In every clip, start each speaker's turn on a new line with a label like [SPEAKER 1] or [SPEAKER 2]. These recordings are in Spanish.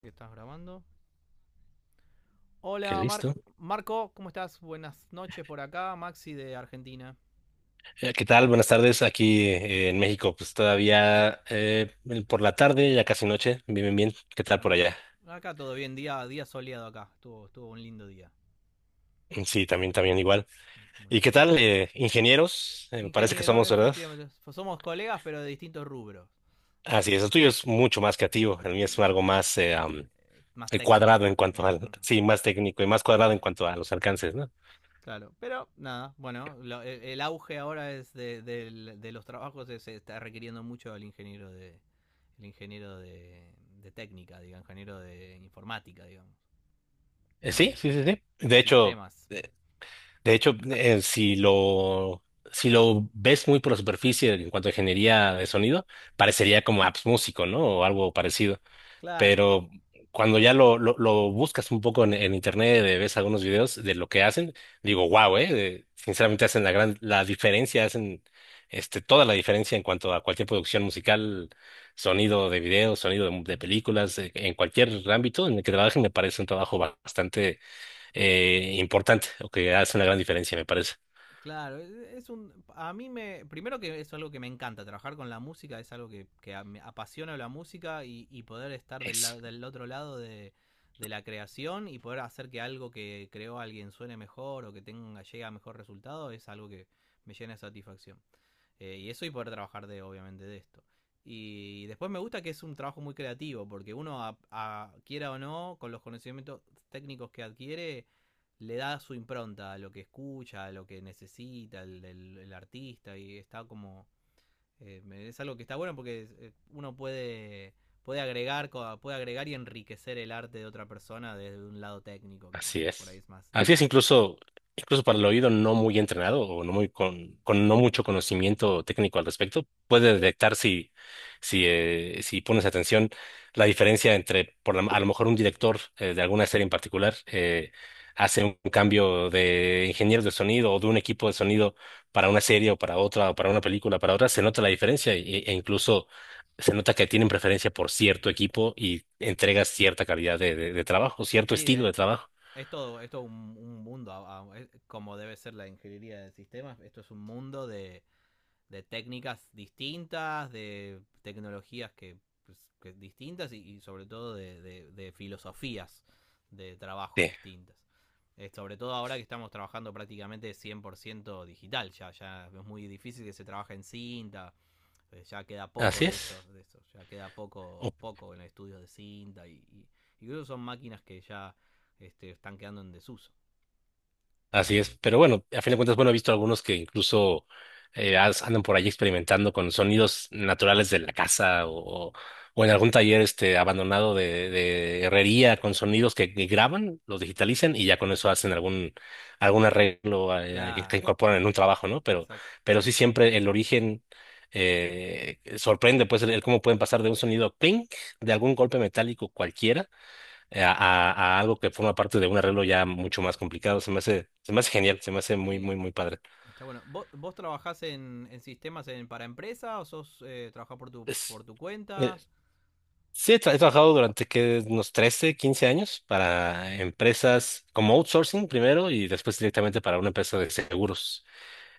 [SPEAKER 1] Que estás grabando.
[SPEAKER 2] Qué
[SPEAKER 1] Hola,
[SPEAKER 2] listo.
[SPEAKER 1] Marco, ¿cómo estás? Buenas noches por acá, Maxi de Argentina.
[SPEAKER 2] ¿Qué tal? Buenas tardes. Aquí en México, pues todavía por la tarde, ya casi noche. Bien, bien, bien. ¿Qué tal por
[SPEAKER 1] Ah,
[SPEAKER 2] allá?
[SPEAKER 1] acá todo bien, día soleado acá, estuvo un lindo día.
[SPEAKER 2] Mm, sí, también, también igual.
[SPEAKER 1] Mm,
[SPEAKER 2] ¿Y qué
[SPEAKER 1] buenísimo.
[SPEAKER 2] tal, ingenieros? Me parece que
[SPEAKER 1] Ingeniero,
[SPEAKER 2] somos, ¿verdad?
[SPEAKER 1] efectivamente, somos colegas pero de distintos rubros.
[SPEAKER 2] Así es, el tuyo es mucho más creativo. El mío es
[SPEAKER 1] Eh,
[SPEAKER 2] algo más
[SPEAKER 1] Más técnico.
[SPEAKER 2] cuadrado en cuanto al,
[SPEAKER 1] Uh-huh.
[SPEAKER 2] sí, más técnico y más cuadrado en cuanto a los alcances, ¿no?
[SPEAKER 1] Claro, pero nada, bueno, el auge ahora es de, de los trabajos, se está requiriendo mucho al ingeniero de técnica, ingeniero de informática, digamos, ¿no?
[SPEAKER 2] Sí, sí, sí, sí.
[SPEAKER 1] En
[SPEAKER 2] De hecho,
[SPEAKER 1] sistemas.
[SPEAKER 2] De hecho, si lo ves muy por la superficie en cuanto a ingeniería de sonido, parecería como apps músico, ¿no? O algo parecido.
[SPEAKER 1] Claro.
[SPEAKER 2] Pero cuando ya lo buscas un poco en internet, ves algunos videos de lo que hacen, digo, wow, sinceramente hacen la diferencia, hacen toda la diferencia en cuanto a cualquier producción musical, sonido de videos, sonido de
[SPEAKER 1] Ujú.
[SPEAKER 2] películas, en cualquier ámbito en el que trabajen, me parece un trabajo bastante importante o que hace una gran diferencia, me parece.
[SPEAKER 1] Claro. Es un, a mí me, primero que es algo que me encanta, trabajar con la música es algo que, me apasiona la música y poder estar del,
[SPEAKER 2] Eso.
[SPEAKER 1] del otro lado de la creación y poder hacer que algo que creó alguien suene mejor o que tenga, llegue a mejor resultado es algo que me llena de satisfacción. Y eso, y poder trabajar de, obviamente, de esto. Y después me gusta que es un trabajo muy creativo, porque uno, quiera o no, con los conocimientos técnicos que adquiere, le da su impronta a lo que escucha, a lo que necesita el, el artista, y está eh, es algo que está bueno porque uno puede, agregar, puede agregar y enriquecer el arte de otra persona desde un lado técnico, que
[SPEAKER 2] Así
[SPEAKER 1] por ahí
[SPEAKER 2] es.
[SPEAKER 1] es más
[SPEAKER 2] Así es,
[SPEAKER 1] difícil.
[SPEAKER 2] incluso para el oído no muy entrenado o no muy con, no mucho conocimiento técnico al respecto, puede detectar si pones atención la diferencia entre, a lo mejor un director de alguna serie en particular hace un cambio de ingenieros de sonido o de un equipo de sonido para una serie o para otra o para una película, para otra, se nota la diferencia e incluso se nota que tienen preferencia por cierto equipo y entregas cierta calidad de trabajo, cierto
[SPEAKER 1] Sí,
[SPEAKER 2] estilo de trabajo.
[SPEAKER 1] es todo un, mundo, es como debe ser la ingeniería de sistemas. Esto es un mundo de técnicas distintas, de tecnologías que distintas, y sobre todo de, de filosofías de trabajo
[SPEAKER 2] Sí,
[SPEAKER 1] distintas. Sobre todo ahora que estamos trabajando prácticamente 100% digital, ya es muy difícil que se trabaje en cinta, ya queda poco
[SPEAKER 2] así
[SPEAKER 1] de
[SPEAKER 2] es.
[SPEAKER 1] eso, de eso. Ya queda
[SPEAKER 2] Oh.
[SPEAKER 1] poco, poco en estudios de cinta, y incluso son máquinas que ya este, están quedando en desuso.
[SPEAKER 2] Así es. Pero bueno, a fin de cuentas, bueno, he visto algunos que incluso andan por allí experimentando con sonidos naturales de la casa o en algún taller abandonado de herrería con sonidos que graban, los digitalizan y ya con eso hacen algún arreglo que
[SPEAKER 1] Claro,
[SPEAKER 2] que incorporan en un trabajo, ¿no? Pero,
[SPEAKER 1] exacto.
[SPEAKER 2] pero sí siempre el origen sorprende, pues, el cómo pueden pasar de un sonido clink, de algún golpe metálico cualquiera eh, a,
[SPEAKER 1] Ah,
[SPEAKER 2] a- a algo que forma parte de un arreglo ya mucho más complicado. Se me hace genial, se me hace muy,
[SPEAKER 1] sí,
[SPEAKER 2] muy, muy padre.
[SPEAKER 1] está bueno. ¿Vos trabajás en, sistemas, para empresa, o sos trabajás por tu,
[SPEAKER 2] Es-
[SPEAKER 1] por tu
[SPEAKER 2] eh,
[SPEAKER 1] cuenta?
[SPEAKER 2] sí, he trabajado durante que unos 13 15 años para empresas como outsourcing primero y después directamente para una empresa de seguros.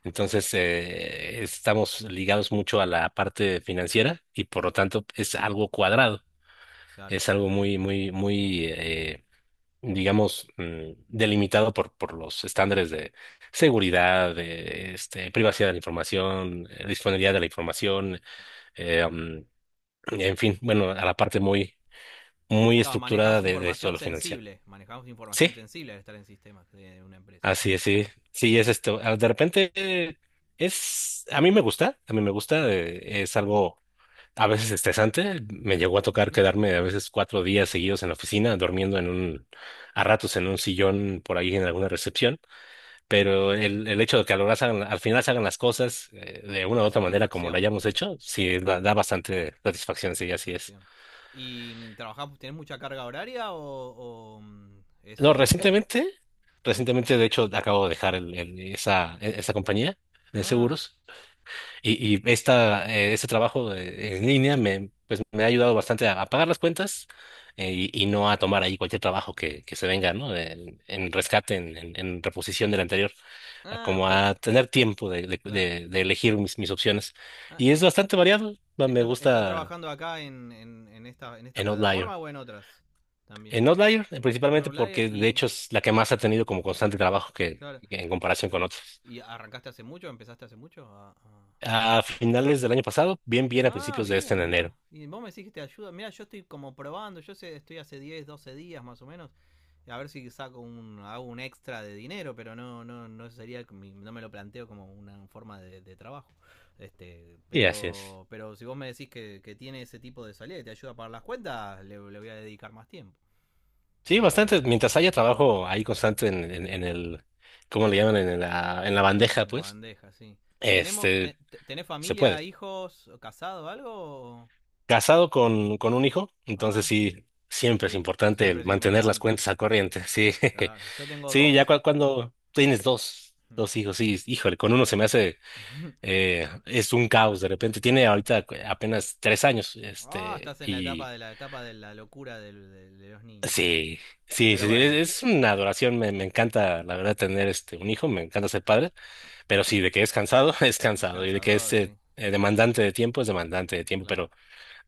[SPEAKER 2] Entonces, estamos ligados mucho a la parte financiera y por lo tanto es algo cuadrado.
[SPEAKER 1] Claro.
[SPEAKER 2] Es algo muy, muy, muy, digamos, delimitado por los estándares de seguridad, de privacidad de la información, disponibilidad de la información, eh, mm, en fin, bueno, a la parte muy, muy
[SPEAKER 1] Claro, manejás
[SPEAKER 2] estructurada de esto de
[SPEAKER 1] información
[SPEAKER 2] lo financiero.
[SPEAKER 1] sensible. Manejamos
[SPEAKER 2] Sí,
[SPEAKER 1] información sensible al estar en sistemas de una empresa.
[SPEAKER 2] así es, sí, sí,
[SPEAKER 1] Ujú.
[SPEAKER 2] es esto. Ah, de repente a mí me gusta, es algo a veces estresante. Me llegó a tocar
[SPEAKER 1] Ujú.
[SPEAKER 2] quedarme a veces 4 días seguidos en la oficina, durmiendo a ratos en un sillón por ahí en alguna recepción. Pero el hecho de que a lo largo al final se hagan las cosas de una u
[SPEAKER 1] La
[SPEAKER 2] otra manera como la
[SPEAKER 1] satisfacción.
[SPEAKER 2] hayamos hecho, sí da bastante satisfacción, sí, así es.
[SPEAKER 1] Satisfacción. ¿Y tenés mucha carga horaria, o
[SPEAKER 2] No,
[SPEAKER 1] eso ocurre?
[SPEAKER 2] recientemente,
[SPEAKER 1] Sí.
[SPEAKER 2] recientemente de hecho acabo de dejar esa compañía de
[SPEAKER 1] Ah,
[SPEAKER 2] seguros. Y este trabajo en línea pues, me ha ayudado bastante a pagar las cuentas, y no a tomar ahí cualquier trabajo que se venga, ¿no? En rescate, en reposición del anterior, a
[SPEAKER 1] ah,
[SPEAKER 2] como
[SPEAKER 1] oh,
[SPEAKER 2] a tener tiempo de, de,
[SPEAKER 1] claro.
[SPEAKER 2] de- de elegir mis opciones.
[SPEAKER 1] Ah,
[SPEAKER 2] Y
[SPEAKER 1] ¿y
[SPEAKER 2] es bastante variado. Me
[SPEAKER 1] estás
[SPEAKER 2] gusta
[SPEAKER 1] trabajando acá en esta, en esta
[SPEAKER 2] en Outlier.
[SPEAKER 1] plataforma, o en otras también?
[SPEAKER 2] En Outlier,
[SPEAKER 1] En
[SPEAKER 2] principalmente
[SPEAKER 1] Outlier
[SPEAKER 2] porque de
[SPEAKER 1] y,
[SPEAKER 2] hecho es la que más ha tenido como constante trabajo que,
[SPEAKER 1] claro,
[SPEAKER 2] que en comparación con otros.
[SPEAKER 1] ¿y arrancaste hace mucho? ¿Empezaste hace mucho
[SPEAKER 2] A finales del año pasado, bien, bien a
[SPEAKER 1] Ah,
[SPEAKER 2] principios de este en
[SPEAKER 1] bien, mirá.
[SPEAKER 2] enero.
[SPEAKER 1] Y vos me decís que te ayuda. Mirá, yo estoy como probando. Yo sé, estoy hace 10, 12 días más o menos. A ver si saco un, hago un extra de dinero, pero no, no, no sería, no me lo planteo como una forma de, trabajo. Este,
[SPEAKER 2] Y así es.
[SPEAKER 1] pero si vos me decís que tiene ese tipo de salida y te ayuda a pagar las cuentas, le voy a dedicar más tiempo.
[SPEAKER 2] Sí, bastante. Mientras haya trabajo ahí constante en el, ¿cómo le llaman? En la bandeja,
[SPEAKER 1] En la
[SPEAKER 2] pues,
[SPEAKER 1] bandeja, sí. ¿Tenemos,
[SPEAKER 2] este,
[SPEAKER 1] te- te- ¿Tenés
[SPEAKER 2] se
[SPEAKER 1] familia,
[SPEAKER 2] puede.
[SPEAKER 1] hijos, casado, algo?
[SPEAKER 2] Casado con un hijo, entonces
[SPEAKER 1] Ah,
[SPEAKER 2] sí, siempre es
[SPEAKER 1] sí,
[SPEAKER 2] importante
[SPEAKER 1] siempre
[SPEAKER 2] el
[SPEAKER 1] es
[SPEAKER 2] mantener las
[SPEAKER 1] importante,
[SPEAKER 2] cuentas
[SPEAKER 1] sí.
[SPEAKER 2] al corriente. Sí,
[SPEAKER 1] Claro, yo tengo
[SPEAKER 2] sí, ya
[SPEAKER 1] dos.
[SPEAKER 2] cuando tienes
[SPEAKER 1] Hmm.
[SPEAKER 2] dos hijos, sí, híjole, con uno se me hace, es un caos de repente. Tiene ahorita apenas 3 años,
[SPEAKER 1] Ah, estás en la etapa
[SPEAKER 2] y
[SPEAKER 1] de la etapa de la locura, de los niños.
[SPEAKER 2] sí, sí,
[SPEAKER 1] Pero
[SPEAKER 2] sí, sí,
[SPEAKER 1] bueno,
[SPEAKER 2] es una adoración. Me encanta, la verdad, tener este, un hijo, me encanta ser padre. Pero sí, de que es cansado, es
[SPEAKER 1] es
[SPEAKER 2] cansado. Y de que es
[SPEAKER 1] cansador, sí,
[SPEAKER 2] demandante de tiempo, es demandante de tiempo.
[SPEAKER 1] claro.
[SPEAKER 2] Pero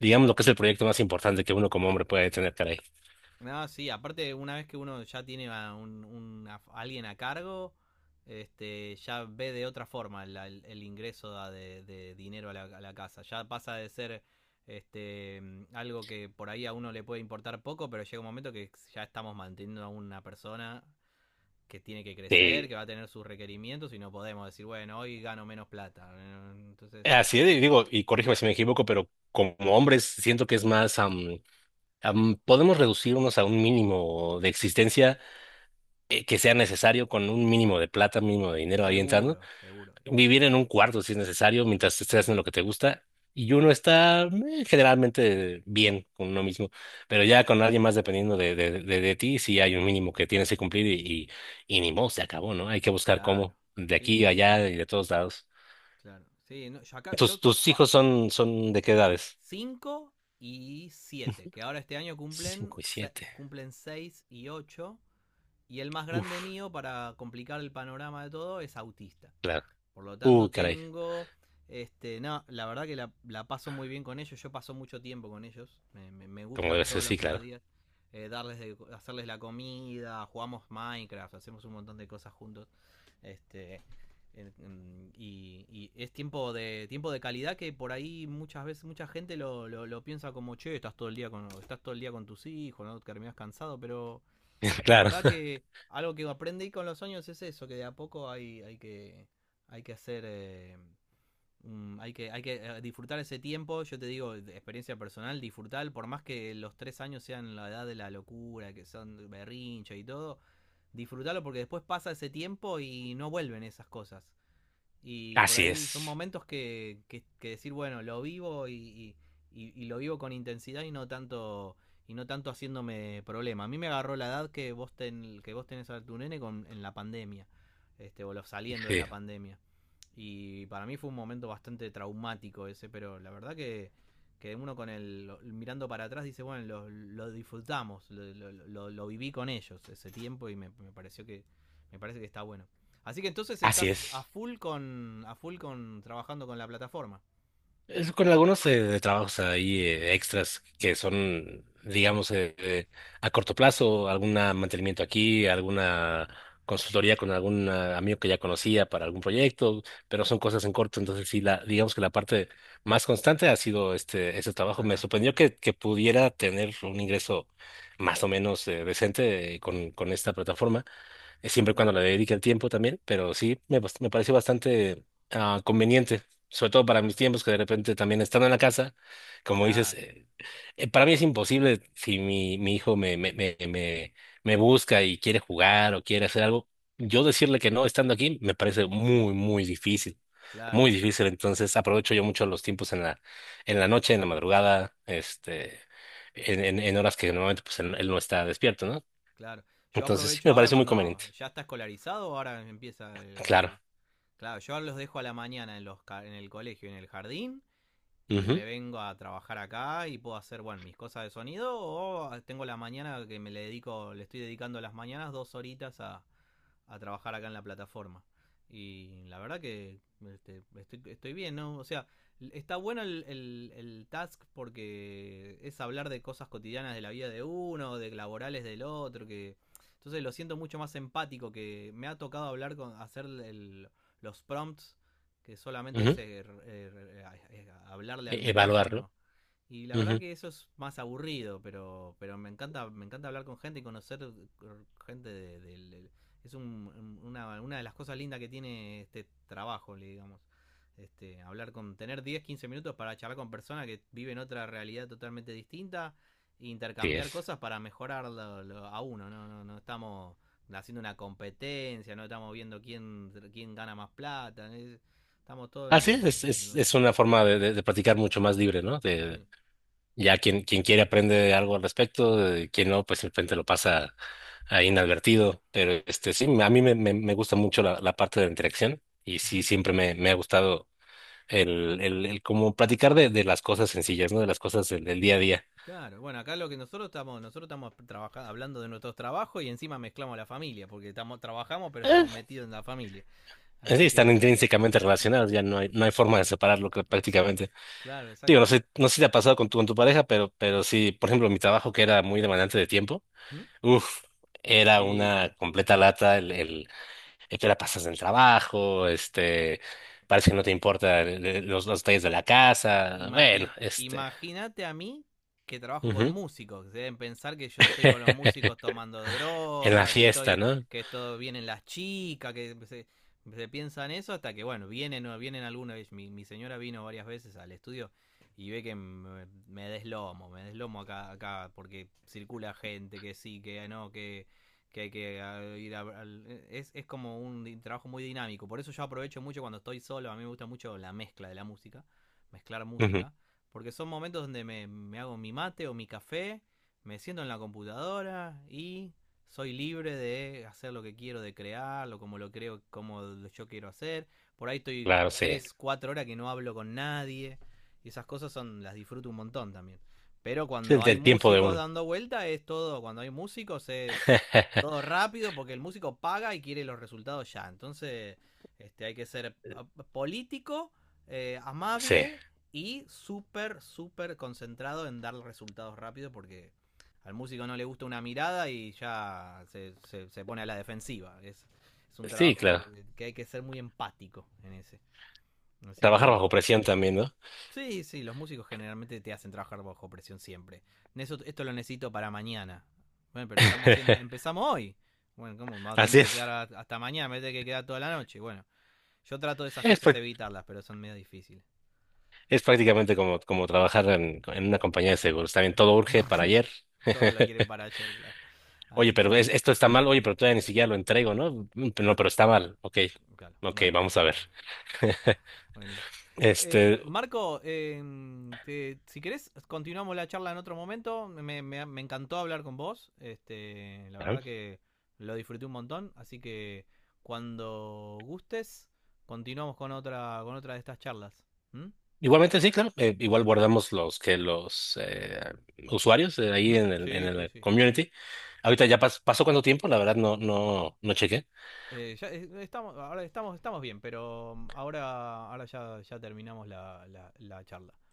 [SPEAKER 2] digamos lo que es el proyecto más importante que uno como hombre puede tener, caray.
[SPEAKER 1] No, sí, aparte una vez que uno ya tiene a un, a alguien a cargo, este, ya ve de otra forma el ingreso da de, dinero a a la casa. Ya pasa de ser este, algo que por ahí a uno le puede importar poco, pero llega un momento que ya estamos manteniendo a una persona que tiene que
[SPEAKER 2] Sí.
[SPEAKER 1] crecer, que va a tener sus requerimientos, y no podemos decir, bueno, hoy gano menos plata. Entonces,
[SPEAKER 2] Así es, y digo, y corrígeme si me equivoco, pero como hombres siento que es más, podemos reducirnos a un mínimo de existencia que sea necesario con un mínimo de plata, mínimo de dinero ahí entrando
[SPEAKER 1] seguro, seguro.
[SPEAKER 2] vivir en un cuarto si es necesario, mientras estés haciendo lo que te gusta. Y uno está generalmente bien con uno mismo, pero ya con alguien más dependiendo de ti, sí hay un mínimo que tienes que cumplir y, ni modo, se acabó, ¿no? Hay que buscar
[SPEAKER 1] Claro.
[SPEAKER 2] cómo, de
[SPEAKER 1] Sí,
[SPEAKER 2] aquí,
[SPEAKER 1] sí, sí.
[SPEAKER 2] allá y de todos lados.
[SPEAKER 1] Claro. Sí, no,
[SPEAKER 2] ¿Tus,
[SPEAKER 1] yo,
[SPEAKER 2] tus hijos son de qué edades?
[SPEAKER 1] 5 y 7, que ahora este año cumplen,
[SPEAKER 2] Cinco y siete.
[SPEAKER 1] cumplen 6 y 8. Y el más grande
[SPEAKER 2] Uf,
[SPEAKER 1] mío, para complicar el panorama de todo, es autista.
[SPEAKER 2] claro.
[SPEAKER 1] Por lo tanto,
[SPEAKER 2] Caray.
[SPEAKER 1] tengo. Este, no, la verdad que la paso muy bien con ellos. Yo paso mucho tiempo con ellos. Me
[SPEAKER 2] Como
[SPEAKER 1] gusta
[SPEAKER 2] debe ser,
[SPEAKER 1] todos los
[SPEAKER 2] sí, claro.
[SPEAKER 1] mediodías darles hacerles la comida. Jugamos Minecraft, hacemos un montón de cosas juntos. Este, y es tiempo de calidad, que por ahí muchas veces mucha gente lo piensa como, che, estás todo el día con tus hijos, no terminas cansado, pero la
[SPEAKER 2] Claro.
[SPEAKER 1] verdad que algo que aprendí con los años es eso, que de a poco hay, hay que hacer, eh, hay que disfrutar ese tiempo. Yo te digo, de experiencia personal, disfrutar, por más que los 3 años sean la edad de la locura, que son berrinche y todo, disfrutarlo, porque después pasa ese tiempo y no vuelven esas cosas. Y por
[SPEAKER 2] Así
[SPEAKER 1] ahí son
[SPEAKER 2] es.
[SPEAKER 1] momentos que, que decir, bueno, lo vivo y lo vivo con intensidad, y no tanto, haciéndome problema. A mí me agarró la edad que vos tenés a tu nene en la pandemia, este, o saliendo de
[SPEAKER 2] Sí,
[SPEAKER 1] la pandemia. Y para mí fue un momento bastante traumático ese, pero la verdad que, uno con mirando para atrás dice, bueno, lo disfrutamos, lo viví con ellos ese tiempo, y me me parece que está bueno. Así que entonces
[SPEAKER 2] así
[SPEAKER 1] estás a
[SPEAKER 2] es.
[SPEAKER 1] full con, a full con trabajando con la plataforma
[SPEAKER 2] Es con algunos de trabajos ahí extras
[SPEAKER 1] y
[SPEAKER 2] que
[SPEAKER 1] extras
[SPEAKER 2] son, digamos, a corto plazo, algún mantenimiento aquí, alguna consultoría con algún amigo que ya conocía para algún proyecto, pero son cosas en corto, entonces sí, digamos que la parte más constante ha sido ese
[SPEAKER 1] por
[SPEAKER 2] trabajo. Me
[SPEAKER 1] acá.
[SPEAKER 2] sorprendió que pudiera tener un ingreso más o menos decente con esta plataforma siempre y
[SPEAKER 1] Hmm.
[SPEAKER 2] cuando le dedique el tiempo también, pero sí, me pareció bastante conveniente, sobre todo para mis
[SPEAKER 1] Claro.
[SPEAKER 2] tiempos que de repente también estando en la casa, como dices,
[SPEAKER 1] Claro.
[SPEAKER 2] para mí es imposible si mi hijo me busca y quiere jugar o quiere hacer algo, yo decirle que no estando aquí me parece
[SPEAKER 1] Es
[SPEAKER 2] muy,
[SPEAKER 1] claro,
[SPEAKER 2] muy difícil, entonces aprovecho yo mucho los tiempos en la, noche, en la madrugada, En horas que normalmente pues él no está despierto, ¿no?
[SPEAKER 1] claro. Yo
[SPEAKER 2] Entonces sí,
[SPEAKER 1] aprovecho
[SPEAKER 2] me
[SPEAKER 1] ahora
[SPEAKER 2] parece muy
[SPEAKER 1] cuando
[SPEAKER 2] conveniente.
[SPEAKER 1] ya está escolarizado, ahora empieza el,
[SPEAKER 2] Claro.
[SPEAKER 1] claro, yo los dejo a la mañana en los en el colegio, en el jardín, y
[SPEAKER 2] Ujú,
[SPEAKER 1] me vengo a trabajar acá, y puedo hacer, bueno, mis cosas de sonido, o tengo la mañana que le estoy dedicando las mañanas 2 horitas a trabajar acá en la plataforma. Y la verdad que este, estoy bien, ¿no? O sea, está bueno el task, porque es hablar de cosas cotidianas de la vida de uno, de laborales del otro, que. Entonces, lo siento mucho más empático, que me ha tocado hablar hacer los prompts, que solamente es
[SPEAKER 2] ujú.
[SPEAKER 1] hablarle al
[SPEAKER 2] Evaluarlo.
[SPEAKER 1] micrófono. Y la verdad
[SPEAKER 2] Ujú,
[SPEAKER 1] que eso es más aburrido, pero, me encanta hablar con gente y conocer gente de, de es una de las cosas lindas que tiene este trabajo, digamos. Este, hablar tener 10, 15 minutos para charlar con personas que viven otra realidad totalmente distinta, e
[SPEAKER 2] sí
[SPEAKER 1] intercambiar
[SPEAKER 2] es.
[SPEAKER 1] cosas para mejorar a uno. No, no, no estamos haciendo una competencia, no estamos viendo quién, gana más plata, estamos todos
[SPEAKER 2] Así es, es,
[SPEAKER 1] en lo
[SPEAKER 2] es, es
[SPEAKER 1] mismo.
[SPEAKER 2] una forma de practicar mucho más libre, ¿no?
[SPEAKER 1] Sí.
[SPEAKER 2] Ya quien quiere aprende algo al respecto, de quien no, pues simplemente lo pasa ahí inadvertido. Pero sí, a mí me gusta mucho la parte de la interacción y sí,
[SPEAKER 1] Ujú.
[SPEAKER 2] siempre me ha gustado el como platicar de las cosas sencillas, ¿no? De las cosas del día a día.
[SPEAKER 1] Claro, bueno, acá lo que nosotros estamos, trabajando, hablando de nuestros trabajos, y encima mezclamos la familia, porque trabajamos, pero estamos
[SPEAKER 2] Eh,
[SPEAKER 1] metidos en la familia.
[SPEAKER 2] Sí,
[SPEAKER 1] Así
[SPEAKER 2] están
[SPEAKER 1] que.
[SPEAKER 2] intrínsecamente
[SPEAKER 1] Así-
[SPEAKER 2] relacionadas, ya no hay forma de separarlo que
[SPEAKER 1] Exacto.
[SPEAKER 2] prácticamente.
[SPEAKER 1] Claro,
[SPEAKER 2] Digo, no
[SPEAKER 1] exacto.
[SPEAKER 2] sé, no sé si te ha pasado con tu, pareja, pero sí, por ejemplo, mi trabajo que era muy demandante de tiempo,
[SPEAKER 1] ¿Mm?
[SPEAKER 2] uff, era
[SPEAKER 1] Y bueno,
[SPEAKER 2] una completa lata el que la pasas en el trabajo, parece que no te importa los detalles de la casa, bueno,
[SPEAKER 1] Imagínate a mí, que trabajo con
[SPEAKER 2] ujú.
[SPEAKER 1] músicos, que deben pensar que yo estoy con los músicos tomando
[SPEAKER 2] En la
[SPEAKER 1] droga,
[SPEAKER 2] fiesta, ¿no?
[SPEAKER 1] que todo vienen las chicas, que se piensan eso, hasta que bueno, vienen, o vienen alguna vez. Mi señora vino varias veces al estudio, y ve que me deslomo, me deslomo acá, acá, porque circula gente que sí, que no, que hay que ir es como un trabajo muy dinámico, por eso yo aprovecho mucho cuando estoy solo, a mí me gusta mucho la mezcla de la música, mezclar
[SPEAKER 2] Ujú,
[SPEAKER 1] música, porque son momentos donde me hago mi mate o mi café, me siento en la computadora, y soy libre de hacer lo que quiero, de crearlo, como lo creo, como yo quiero hacer. Por ahí estoy
[SPEAKER 2] claro, sí.
[SPEAKER 1] 3, 4 horas que no hablo con nadie. Y esas cosas son las disfruto un montón también. Pero
[SPEAKER 2] Es
[SPEAKER 1] cuando
[SPEAKER 2] el,
[SPEAKER 1] hay
[SPEAKER 2] el tiempo de
[SPEAKER 1] músicos
[SPEAKER 2] uno.
[SPEAKER 1] dando vuelta es todo, cuando hay músicos es todo rápido, porque el músico paga y quiere los resultados ya. Entonces, este, hay que ser político,
[SPEAKER 2] Sí,
[SPEAKER 1] amable, y súper, súper concentrado en dar resultados rápido, porque al músico no le gusta una mirada y ya se pone a la defensiva. Es un
[SPEAKER 2] sí,
[SPEAKER 1] trabajo
[SPEAKER 2] claro.
[SPEAKER 1] que hay que ser muy empático en ese. Así
[SPEAKER 2] Trabajar
[SPEAKER 1] que.
[SPEAKER 2] bajo presión también, ¿no?
[SPEAKER 1] Sí, sí, los músicos generalmente te hacen trabajar bajo presión siempre. Eso, esto lo necesito para mañana. Bueno, pero estamos haciendo, empezamos hoy. Bueno, ¿cómo? Tengo
[SPEAKER 2] Así
[SPEAKER 1] que
[SPEAKER 2] es.
[SPEAKER 1] quedar hasta mañana, me tengo que quedar toda la noche. Bueno, yo trato de esas
[SPEAKER 2] es
[SPEAKER 1] cosas
[SPEAKER 2] pues,
[SPEAKER 1] evitarlas, pero son medio difíciles.
[SPEAKER 2] Es prácticamente como trabajar en una compañía de seguros. También todo urge para ayer.
[SPEAKER 1] Todos lo quieren para ayer, claro.
[SPEAKER 2] Oye,
[SPEAKER 1] Así que
[SPEAKER 2] pero
[SPEAKER 1] nada.
[SPEAKER 2] esto está mal. Oye, pero todavía ni siquiera lo entrego, ¿no? Mm, no, pero está mal. Ok,
[SPEAKER 1] Claro,
[SPEAKER 2] ok,
[SPEAKER 1] bueno,
[SPEAKER 2] vamos a ver.
[SPEAKER 1] buenísimo.
[SPEAKER 2] Este,
[SPEAKER 1] Marco, si querés, continuamos la charla en otro momento. Me encantó hablar con vos. Este, la verdad
[SPEAKER 2] ajá.
[SPEAKER 1] que lo disfruté un montón. Así que cuando gustes, continuamos con con otra de estas charlas. ¿Mm?
[SPEAKER 2] Igualmente sí, claro. Igual
[SPEAKER 1] Te-
[SPEAKER 2] guardamos los usuarios ahí
[SPEAKER 1] ¿Mm?
[SPEAKER 2] en el, en
[SPEAKER 1] Sí, sí,
[SPEAKER 2] el
[SPEAKER 1] sí.
[SPEAKER 2] community. Ahorita ya pasó cuánto tiempo, la verdad no chequé.
[SPEAKER 1] Ya estamos bien, pero ahora ya terminamos la charla.